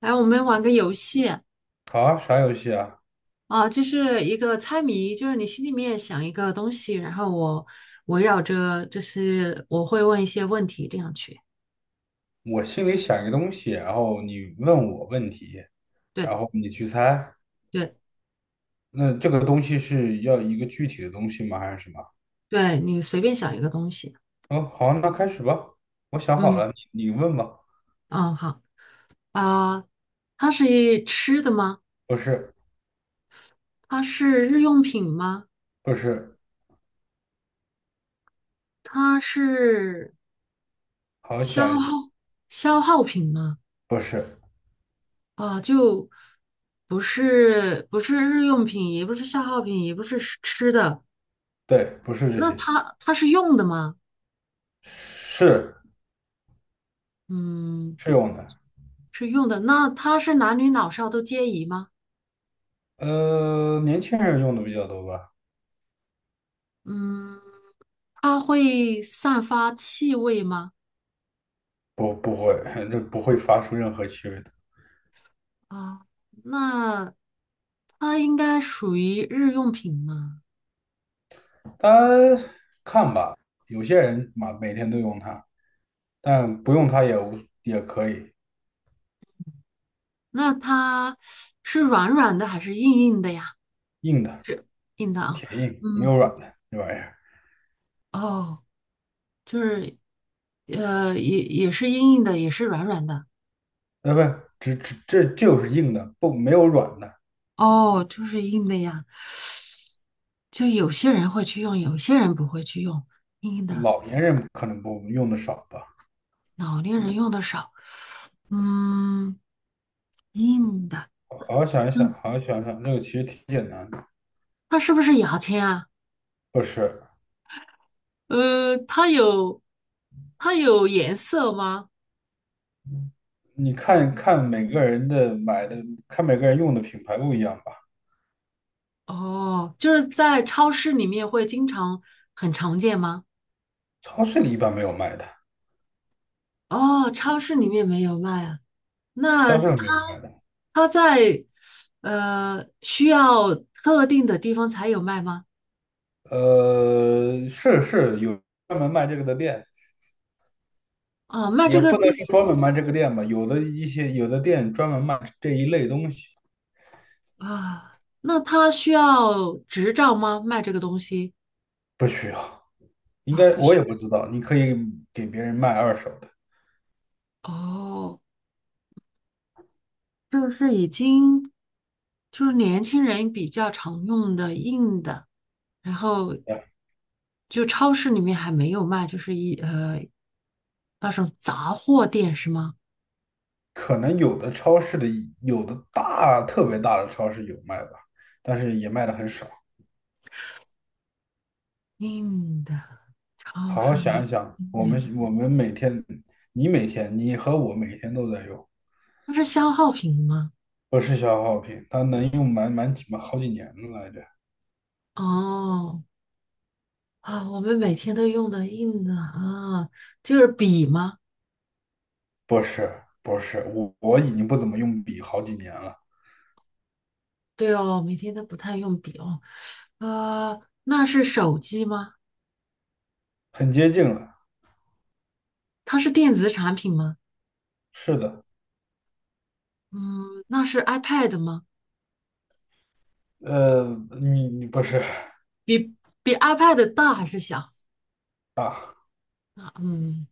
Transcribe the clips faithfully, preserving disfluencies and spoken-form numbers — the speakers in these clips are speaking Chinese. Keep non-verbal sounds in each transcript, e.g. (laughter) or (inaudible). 来，我们玩个游戏。好啊，啥游戏啊？啊，就是一个猜谜，就是你心里面想一个东西，然后我围绕着，就是我会问一些问题，这样去。我心里想一个东西，然后你问我问题，对然后你去猜。对那这个东西是要一个具体的东西吗？还是什么？对，你随便想一个东西。嗯，好啊，那开始吧。我想好嗯了，你你问吧。嗯，好啊。它是吃的吗？不是。它是日用品吗？不是。它是好，想消一想。耗消耗品吗？不是。啊，就不是不是日用品，也不是消耗品，也不是吃吃的。对，不是这那些。它它是用的吗？是嗯，是用的。是用的。那它是男女老少都皆宜吗？呃，年轻人用的比较多吧？嗯，它会散发气味吗？不，不会，(laughs) 这不会发出任何气味的。啊，那它应该属于日用品吗？它看吧，有些人嘛，每天都用它。但不用它也无也可以。那它是软软的还是硬硬的呀？硬的。是硬的啊。铁硬，没嗯，有软的这玩意儿。哦，就是呃，也也是硬硬的，也是软软的。呃，不，只只这就是硬的，不没有软的。哦，就是硬的呀。就有些人会去用，有些人不会去用硬的，老年人可能不用的少吧。老年人用的少。嗯，硬的，好好想一想，嗯，好好想一想，这个其实挺简单的。它是不是牙签啊？不是？呃，它有，它有颜色吗？你看看每个人的买的，看每个人用的品牌不一样吧。哦，就是在超市里面会经常很常见吗？超市里一般没有卖的。哦，超市里面没有卖啊。那超市里没它有卖的。它在呃需要特定的地方才有卖吗？呃，是是有专门卖这个的店。啊，卖也这个不能地，说专门卖这个店吧，有的一些有的店专门卖这一类东西。啊，那他需要执照吗？卖这个东西。不需要，应啊，该不我需。也不知道，你可以给别人卖二手的。哦，就是已经就是年轻人比较常用的硬的，然后对。就超市里面还没有卖，就是一呃那种杂货店是吗？可能有的超市的有的大特别大的超市有卖吧，但是也卖的很少。硬的超好好市想里，一想，我嗯，们我们每天，你每天你和我每天都在用。那是消耗品吗？不是消耗品，它能用满满几满好几年了来着。哦。啊，我们每天都用的硬的啊，就是笔吗？不是不是，我我已经不怎么用笔好几年了。对哦，每天都不太用笔哦。呃，那是手机吗？很接近了。它是电子产品吗？是的。嗯，那是 iPad 吗？呃，你你不是比比 iPad 大还是小？啊？嗯，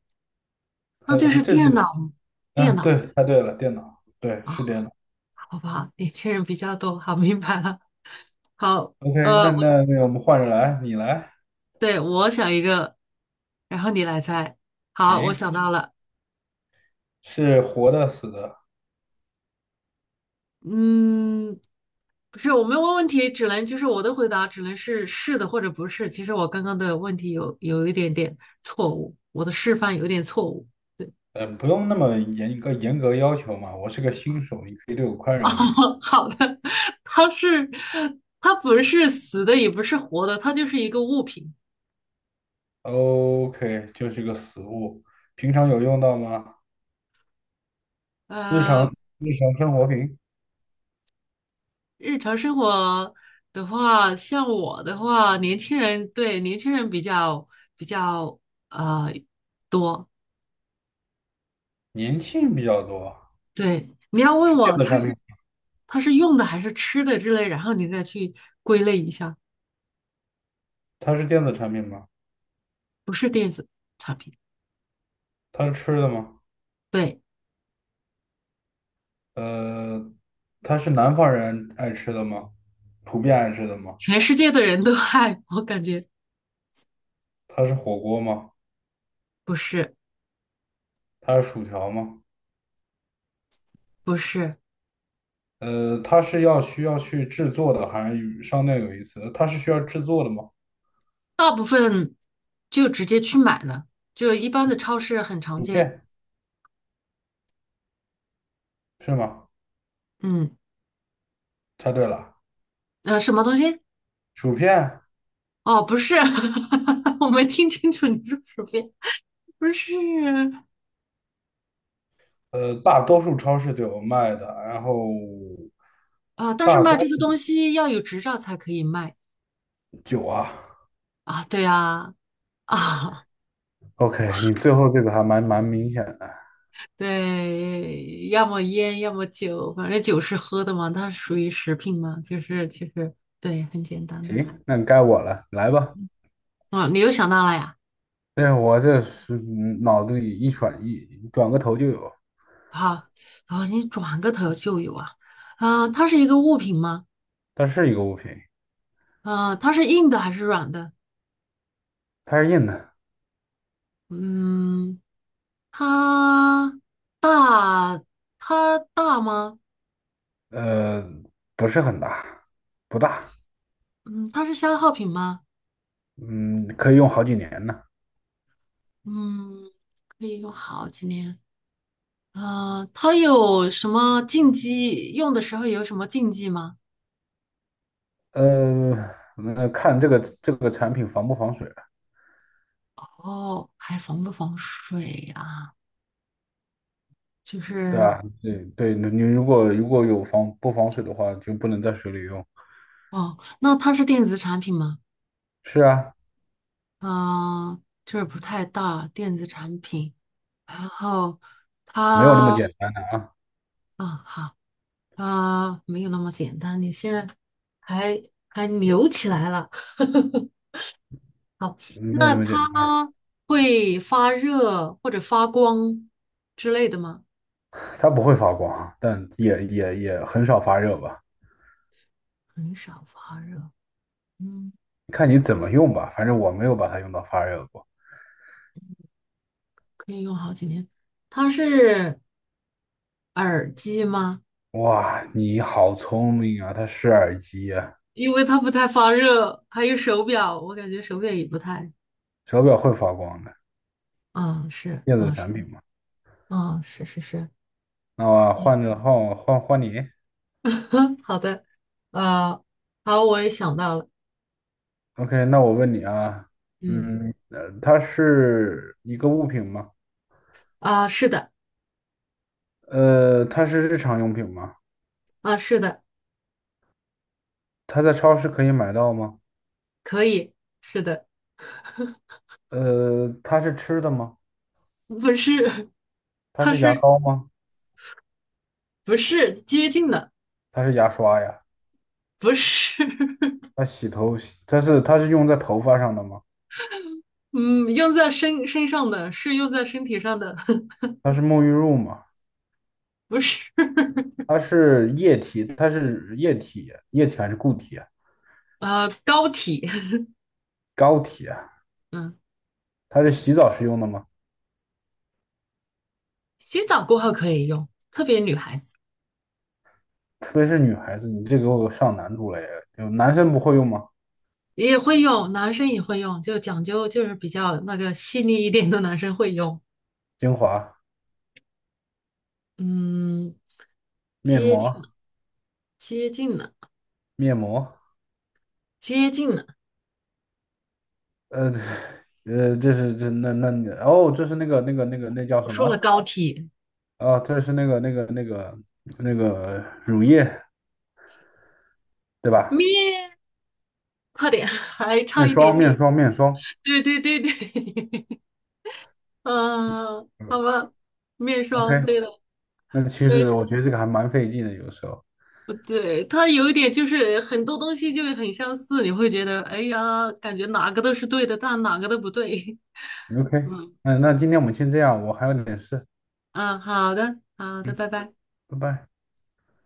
那就呃，是这电是脑。电啊，脑对，猜对了，电脑，对，啊。是电脑。好不好？年轻人比较多，好，明白了。好。OK，呃，那我那那我们换着来，你来。对我想一个，然后你来猜。好，我行，想到了。是活的死的？嗯，不是，我们问问题只能就是我的回答只能是是的或者不是。其实我刚刚的问题有有一点点错误，我的示范有点错误。呃，不用那么严格严格要求嘛，我是个新手，你可以对我宽 (laughs) 容一点。哦，好的。它是它不是死的，也不是活的，它就是一个物品。OK，就是个死物。平常有用到吗？日呃，常日常生活品？日常生活的话，像我的话，年轻人对年轻人比较比较呃多。年轻人比较多，对，你要问电我子它产品。是它是用的还是吃的之类，然后你再去归类一下。它是电子产品吗？不是电子产品。它是吃的吗？对，呃，它是南方人爱吃的吗？普遍爱吃的吗？全世界的人都爱，我感觉。它是火锅吗？不是它是薯条吗？不是。呃，它是要需要去制作的，还是与商店有一次？它是需要制作的吗？大部分就直接去买了，就一般的超市很常薯见。片是吗？嗯。猜对了，呃，什么东西？薯片。哦，不是。(laughs) 我没听清楚你说什么呀？不是。呃，大多数超市都有卖的，然后啊，但是大卖多这个数东西要有执照才可以卖酒啊。啊。对呀。啊，OK，你最后这个还蛮蛮明显的。对，要么烟，要么酒，反正酒是喝的嘛，它属于食品嘛，就是其实对，很简单的。行，那该我了，来吧。哦，你又想到了呀？但是我这是嗯脑子里一转一转个头就有。好。哦，你转个头就有啊。啊，它是一个物品吗？它是一个物品。呃，它是硬的还是软的？它是硬的。嗯，它大，它大吗？呃，不是很大，不大。嗯，它是消耗品吗？嗯，可以用好几年呢。嗯，可以用好几年。呃，它有什么禁忌？用的时候有什么禁忌吗？呃，那看这个这个产品防不防水了。哦，还防不防水啊？就对是吧？对对，你你如果如果有防不防水的话，就不能在水里用。哦，那它是电子产品吗？是啊。嗯、就是不太大，电子产品。然后没有那么它，简单的啊。嗯，好。啊、没有那么简单。你现在还还扭起来了。(laughs) 没有那那么简单。它会发热或者发光之类的吗？它不会发光啊，但也也也很少发热吧。很少发热，嗯，看你怎么用吧，反正我没有把它用到发热过。可以用好几天。它是耳机吗？哇，你好聪明啊！它是耳机呀、因为它不太发热，还有手表，我感觉手表也不太。手表会发光的嗯，是，电子嗯是，产品嘛？嗯是是是。那我换个号，换换你。(laughs) 好的。呃，好，我也想到了。OK，那我问你啊。嗯。嗯。呃，它是一个物品吗？啊、是的。呃，它是日常用品吗？啊、是的。它在超市可以买到吗？可以，是的。呃，它是吃的吗？不是。(laughs) 它它是牙是膏吗？不是接近的？它是牙刷呀？不是。(laughs) 它洗头洗，它是它是用在头发上的吗？嗯，用在身身上的是用在身体上的。(laughs) 它是沐浴露吗？不是。它是液体，它是液体，液体还是固体啊？呃，膏体。膏体啊？嗯，它是洗澡时用的吗？洗澡过后可以用，特别女孩子 (laughs) 特别是女孩子，你这给我上难度了呀！就男生不会用吗？也会用，男生也会用，就讲究就是比较那个细腻一点的男生会用。精华、嗯，面接近膜、了，接近了，面膜。接近了，呃，(laughs) 呃，这是这那那你哦，这是那个那个那个那叫我什说了么？膏体。哦，这是那个那个那个那个乳液，对吧？咩，快点。(laughs) 还差面一点霜、面点。霜、面霜。对对对对。(laughs) 嗯，好嗯吧，面霜，，OK，对的。那其实对，我觉得这个还蛮费劲的，有时候。不对？它有一点就是很多东西就很相似，你会觉得，哎呀，感觉哪个都是对的，但哪个都不对。OK，(laughs) 嗯那那今天我们先这样，我还有点事。嗯，好的，好的，嗯，拜拜。拜拜。